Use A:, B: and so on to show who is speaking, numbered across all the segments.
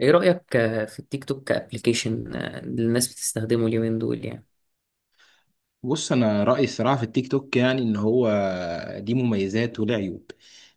A: ايه رأيك في التيك توك كابليكيشن، اللي الناس بتستخدمه اليومين دول يعني؟
B: بص انا رايي الصراحه في التيك توك يعني ان هو دي مميزات وله عيوب.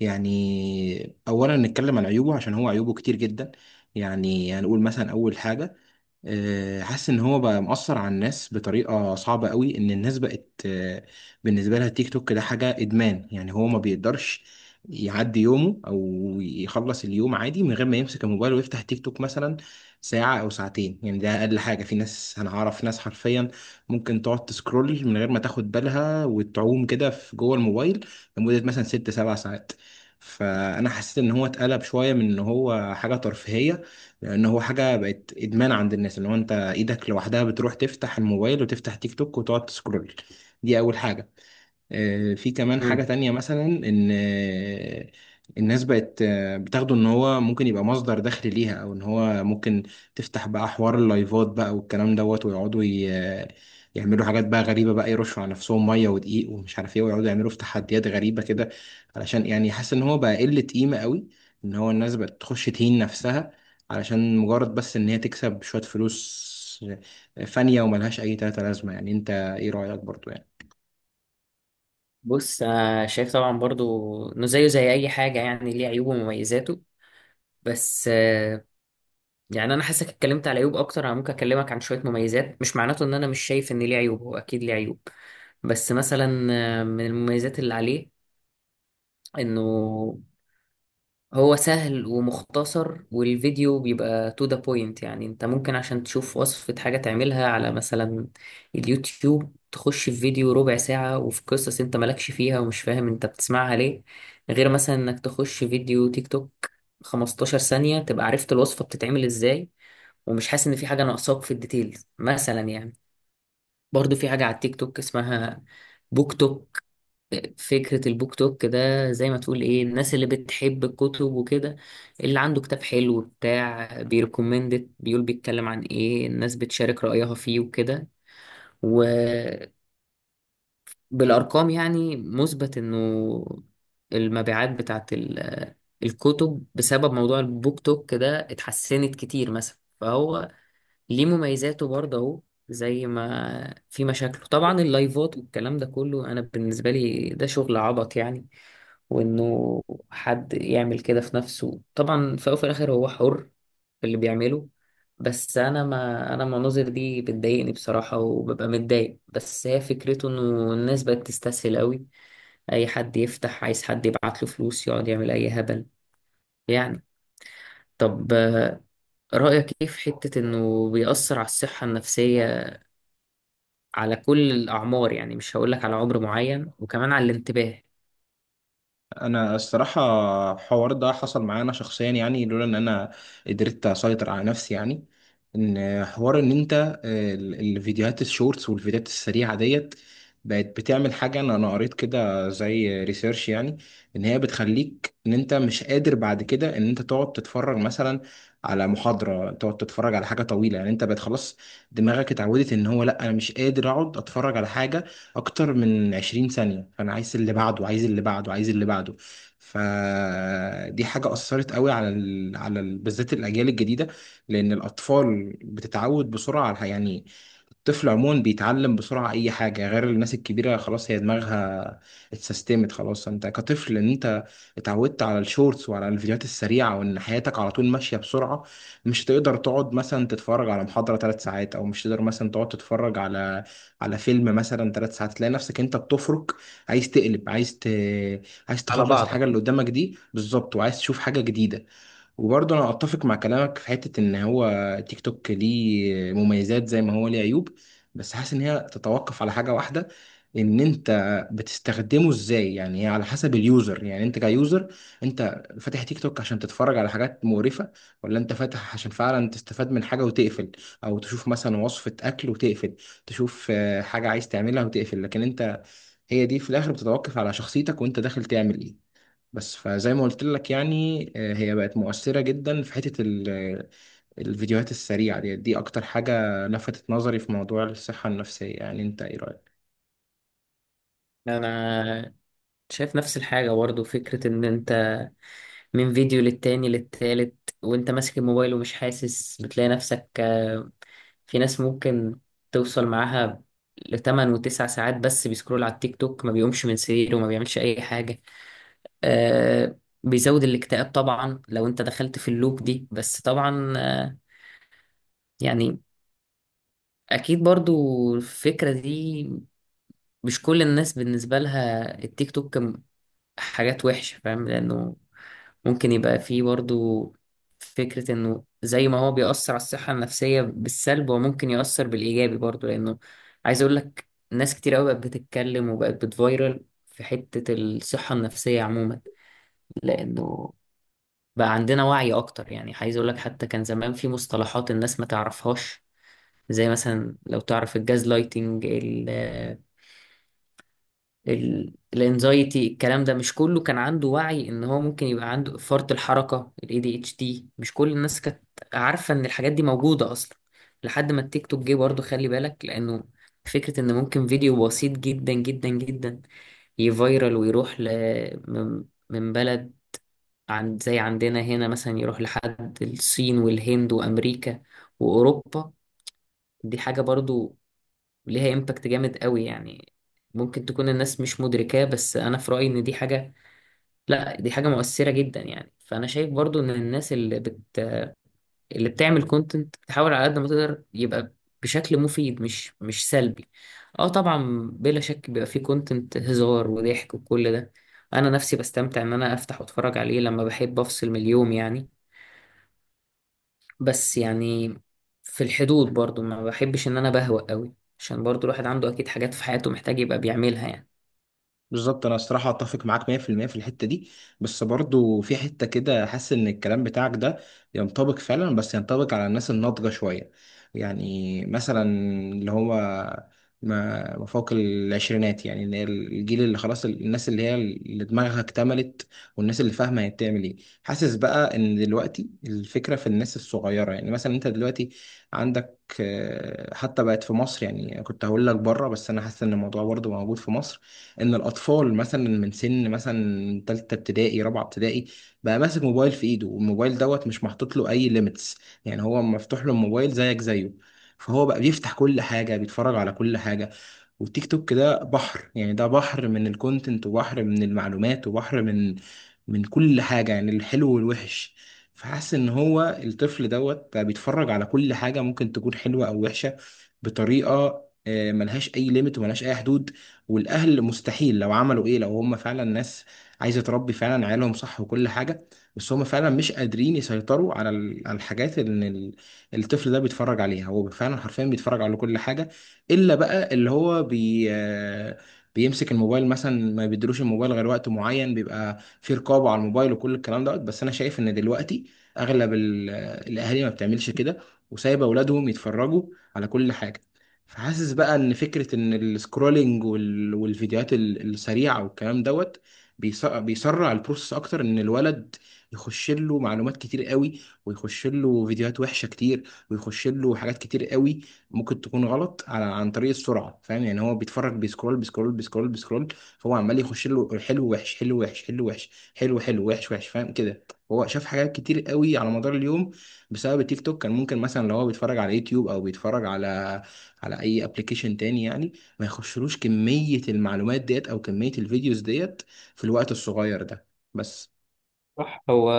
B: يعني اولا نتكلم عن عيوبه عشان هو عيوبه كتير جدا. يعني هنقول مثلا اول حاجه، حاسس ان هو بقى مؤثر على الناس بطريقه صعبه قوي، ان الناس بقت بالنسبه لها التيك توك ده حاجه ادمان. يعني هو ما بيقدرش يعدي يومه او يخلص اليوم عادي من غير ما يمسك الموبايل ويفتح تيك توك مثلا ساعه او ساعتين. يعني ده اقل حاجه، في ناس انا اعرف ناس حرفيا ممكن تقعد تسكرول من غير ما تاخد بالها وتعوم كده في جوه الموبايل لمده مثلا ست سبع ساعات. فانا حسيت ان هو اتقلب شويه من ان هو حاجه ترفيهيه لان هو حاجه بقت ادمان عند الناس، اللي هو انت ايدك لوحدها بتروح تفتح الموبايل وتفتح تيك توك وتقعد تسكرول. دي اول حاجه. في كمان حاجة
A: مم.
B: تانية، مثلا إن الناس بقت بتاخده إن هو ممكن يبقى مصدر دخل ليها، أو إن هو ممكن تفتح بقى حوار اللايفات بقى والكلام دوت، ويقعدوا يعملوا حاجات بقى غريبة، بقى يرشوا على نفسهم مية ودقيق ومش عارف إيه، ويقعدوا يعملوا في تحديات غريبة كده علشان يعني. حاسس إن هو بقى قلة قيمة قوي، إن هو الناس بقت تخش تهين نفسها علشان مجرد بس إن هي تكسب شوية فلوس فانية وملهاش أي تلاتة لازمة. يعني أنت إيه رأيك برضو يعني؟
A: بص، شايف طبعا برضو انه زيه زي اي حاجة، يعني ليه عيوبه ومميزاته. بس يعني انا حاسك اتكلمت على عيوب اكتر، انا ممكن اكلمك عن شوية مميزات. مش معناته ان انا مش شايف ان ليه عيوب، هو اكيد ليه عيوب. بس مثلا من المميزات اللي عليه، انه هو سهل ومختصر، والفيديو بيبقى تو ذا بوينت. يعني انت ممكن عشان تشوف وصفة حاجة تعملها على مثلا اليوتيوب، تخش في فيديو ربع ساعة وفي قصص انت مالكش فيها ومش فاهم انت بتسمعها ليه، غير مثلا انك تخش فيديو تيك توك 15 ثانية تبقى عرفت الوصفة بتتعمل ازاي، ومش حاسس ان في حاجة ناقصاك في الديتيلز مثلا يعني. برضو في حاجة على التيك توك اسمها بوك توك. فكرة البوك توك ده زي ما تقول ايه، الناس اللي بتحب الكتب وكده، اللي عنده كتاب حلو بتاع بيركومندت بيقول، بيتكلم عن ايه، الناس بتشارك رأيها فيه وكده. وبالأرقام يعني مثبت انه المبيعات بتاعت الكتب بسبب موضوع البوك توك ده اتحسنت كتير مثلا، فهو ليه مميزاته برضه اهو. زي ما في مشاكله طبعا، اللايفات والكلام ده كله انا بالنسبة لي ده شغل عبط يعني. وانه حد يعمل كده في نفسه، طبعا في الاول وفي الاخر هو حر في اللي بيعمله. بس انا، ما انا المناظر دي بتضايقني بصراحة وببقى متضايق. بس هي فكرته انه الناس بقت تستسهل قوي، اي حد يفتح عايز حد يبعت له فلوس يقعد يعمل اي هبل يعني. طب رأيك ايه في حتة انه بيأثر على الصحة النفسية على كل الأعمار، يعني مش هقولك على عمر معين، وكمان على الانتباه
B: انا الصراحه، الحوار ده حصل معايا انا شخصيا، يعني لولا ان انا قدرت اسيطر على نفسي. يعني ان حوار ان انت الفيديوهات الشورتس والفيديوهات السريعه ديت بقت بتعمل حاجه، انا قريت كده زي ريسيرش يعني، ان هي بتخليك ان انت مش قادر بعد كده ان انت تقعد تتفرج مثلا على محاضره، تقعد تتفرج على حاجه طويله. يعني انت بقت خلاص دماغك اتعودت ان هو لا، انا مش قادر اقعد اتفرج على حاجه اكتر من 20 ثانية، فانا عايز اللي بعده عايز اللي بعده عايز اللي بعده. فدي حاجة أثرت قوي على بالذات الأجيال الجديدة، لأن الأطفال بتتعود بسرعة يعني الطفل عموما بيتعلم بسرعة أي حاجة. غير الناس الكبيرة خلاص، هي دماغها اتسيستمت خلاص. أنت كطفل إن أنت اتعودت على الشورتس وعلى الفيديوهات السريعة، وإن حياتك على طول ماشية بسرعة، مش تقدر تقعد مثلا تتفرج على محاضرة ثلاث ساعات، أو مش تقدر مثلا تقعد تتفرج على على فيلم مثلا ثلاث ساعات. تلاقي نفسك انت بتفرك، عايز تقلب، عايز
A: على
B: تخلص
A: بعضك؟
B: الحاجه اللي قدامك دي بالظبط، وعايز تشوف حاجه جديده. وبرضه انا اتفق مع كلامك في حته ان هو تيك توك ليه مميزات زي ما هو ليه عيوب، بس حاسس ان هي تتوقف على حاجه واحده، ان انت بتستخدمه ازاي. يعني هي على حسب اليوزر، يعني انت كيوزر، انت فاتح تيك توك عشان تتفرج على حاجات مقرفه، ولا انت فاتح عشان فعلا تستفاد من حاجه وتقفل، او تشوف مثلا وصفه اكل وتقفل، تشوف حاجه عايز تعملها وتقفل. لكن انت هي دي في الاخر بتتوقف على شخصيتك وانت داخل تعمل ايه. بس فزي ما قلت لك يعني، هي بقت مؤثرة جدا في حتة الفيديوهات السريعة دي. دي أكتر حاجة لفتت نظري في موضوع الصحة النفسية. يعني أنت إيه رأيك؟
A: انا شايف نفس الحاجة برضه. فكرة إن أنت من فيديو للتاني للتالت، وأنت ماسك الموبايل ومش حاسس، بتلاقي نفسك في ناس ممكن توصل معاها لتمن وتسع ساعات بس بيسكرول على التيك توك، ما بيقومش من سريره وما بيعملش أي حاجة. آه، بيزود الاكتئاب طبعا لو أنت دخلت في اللوب دي. بس طبعا يعني أكيد برضه الفكرة دي، مش كل الناس بالنسبة لها التيك توك حاجات وحشة، فاهم؟ لأنه ممكن يبقى فيه برضو فكرة إنه زي ما هو بيأثر على الصحة النفسية بالسلب، هو ممكن يأثر بالإيجابي برضو. لأنه عايز أقول لك ناس كتير أوي بقت بتتكلم وبقت بتفايرل في حتة الصحة النفسية عموما، لأنه بقى عندنا وعي أكتر. يعني عايز أقول لك، حتى كان زمان في مصطلحات الناس ما تعرفهاش، زي مثلا لو تعرف الجاز لايتنج، الانزايتي، الكلام ده مش كله كان عنده وعي ان هو ممكن يبقى عنده فرط الحركة الاي دي اتش دي. مش كل الناس كانت عارفة ان الحاجات دي موجودة اصلا، لحد ما التيك توك جه. برضه خلي بالك لانه فكرة ان ممكن فيديو بسيط جدا جدا جدا يفيرال ويروح ل... من بلد، عند زي عندنا هنا مثلا، يروح لحد الصين والهند وامريكا واوروبا. دي حاجة برضو وليها امباكت جامد قوي، يعني ممكن تكون الناس مش مدركاه. بس انا في رأيي ان دي حاجة، لا دي حاجة مؤثرة جدا يعني. فانا شايف برضو ان الناس اللي بتعمل كونتنت تحاول على قد ما تقدر يبقى بشكل مفيد، مش سلبي. اه طبعا بلا شك بيبقى فيه كونتنت هزار وضحك وكل ده، انا نفسي بستمتع ان انا افتح واتفرج عليه لما بحب افصل من اليوم يعني. بس يعني في الحدود برضو، ما بحبش ان انا بهوأ قوي عشان برضو الواحد عنده اكيد حاجات في حياته محتاج يبقى بيعملها يعني.
B: بالظبط، انا الصراحه اتفق معاك 100% في المية في الحته دي، بس برضو في حته كده حاسس ان الكلام بتاعك ده ينطبق فعلا، بس ينطبق على الناس الناضجه شويه. يعني مثلا اللي هو ما فوق العشرينات، يعني اللي هي الجيل اللي خلاص الناس اللي هي اللي دماغها اكتملت، والناس اللي فاهمه هي بتعمل ايه. حاسس بقى ان دلوقتي الفكره في الناس الصغيره، يعني مثلا انت دلوقتي عندك حتى بقت في مصر. يعني كنت هقول لك بره، بس انا حاسس ان الموضوع برضو موجود في مصر، ان الاطفال مثلا من سن مثلا تالتة ابتدائي رابعة ابتدائي بقى ماسك موبايل في ايده، والموبايل دوت مش محطوط له اي ليميتس، يعني هو مفتوح له الموبايل زيك زيه. فهو بقى بيفتح كل حاجة، بيتفرج على كل حاجة. والتيك توك ده بحر، يعني ده بحر من الكونتنت، وبحر من المعلومات، وبحر من من كل حاجة، يعني الحلو والوحش. فحاسس ان هو الطفل دوت بقى بيتفرج على كل حاجة، ممكن تكون حلوة او وحشة، بطريقة ملهاش اي ليميت وملهاش اي حدود. والاهل مستحيل لو عملوا ايه، لو هم فعلا ناس عايزة تربي فعلا عيالهم صح وكل حاجة، بس هم فعلا مش قادرين يسيطروا على الحاجات اللي الطفل ده بيتفرج عليها. هو فعلا حرفيا بيتفرج على كل حاجة، الا بقى اللي هو بي آه، بيمسك الموبايل مثلا، ما بيدروش الموبايل غير وقت معين، بيبقى في رقابة على الموبايل وكل الكلام دوت. بس انا شايف ان دلوقتي اغلب الاهالي ما بتعملش كده، وسايبه اولادهم يتفرجوا على كل حاجة. فحاسس بقى ان فكرة ان السكرولينج والفيديوهات السريعة والكلام دوت بيسرع البروسس اكتر، ان الولد يخش له معلومات كتير قوي، ويخش له فيديوهات وحشة كتير، ويخش له حاجات كتير قوي ممكن تكون غلط، على عن طريق السرعه. فاهم يعني؟ هو بيتفرج بيسكرول بيسكرول بيسكرول بيسكرول، فهو عمال يخش له حلو وحش حلو وحش حلو وحش حلو حلو وحش وحش، فاهم كده. هو شاف حاجات كتير قوي على مدار اليوم بسبب التيك توك. كان ممكن مثلا لو هو بيتفرج على يوتيوب، او بيتفرج على على اي ابلكيشن تاني يعني، ما يخشلوش كميه المعلومات ديت او كميه الفيديوز ديت في الوقت الصغير ده. بس
A: صح. هو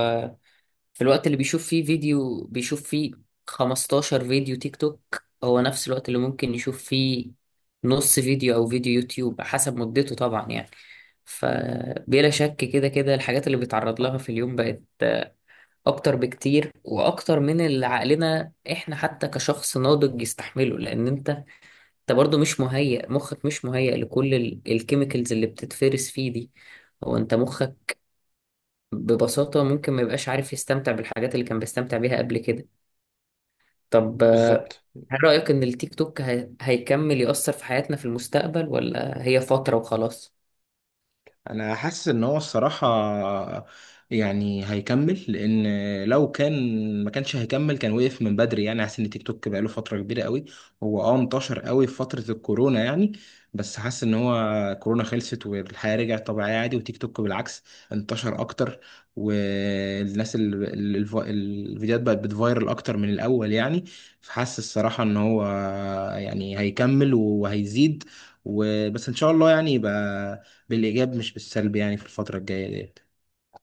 A: في الوقت اللي بيشوف فيه فيديو بيشوف فيه 15 فيديو تيك توك، هو نفس الوقت اللي ممكن يشوف فيه نص فيديو او فيديو يوتيوب حسب مدته طبعا يعني. فبلا شك كده كده الحاجات اللي بيتعرض لها في اليوم بقت اكتر بكتير، واكتر من اللي عقلنا احنا حتى كشخص ناضج يستحمله. لان انت برضو مش مهيئ، مخك مش مهيئ لكل الكيميكالز اللي بتتفرس فيه دي. هو انت مخك ببساطة ممكن ما يبقاش عارف يستمتع بالحاجات اللي كان بيستمتع بيها قبل كده. طب
B: بالظبط.
A: هل رأيك إن التيك توك هيكمل يأثر في حياتنا في المستقبل، ولا هي فترة وخلاص؟
B: انا حاسس ان هو الصراحه يعني هيكمل، لان لو كان ما كانش هيكمل كان وقف من بدري. يعني حاسس ان تيك توك بقاله فتره كبيره قوي. هو اه انتشر قوي في فتره الكورونا، يعني بس حاسس ان هو كورونا خلصت والحياه رجعت طبيعيه عادي، وتيك توك بالعكس انتشر اكتر، والناس الفيديوهات بقت بتفايرل اكتر من الاول. يعني فحاسس الصراحه ان هو يعني هيكمل وهيزيد، وبس ان شاء الله يعني يبقى بالإيجاب مش بالسلب يعني في الفترة الجاية دي.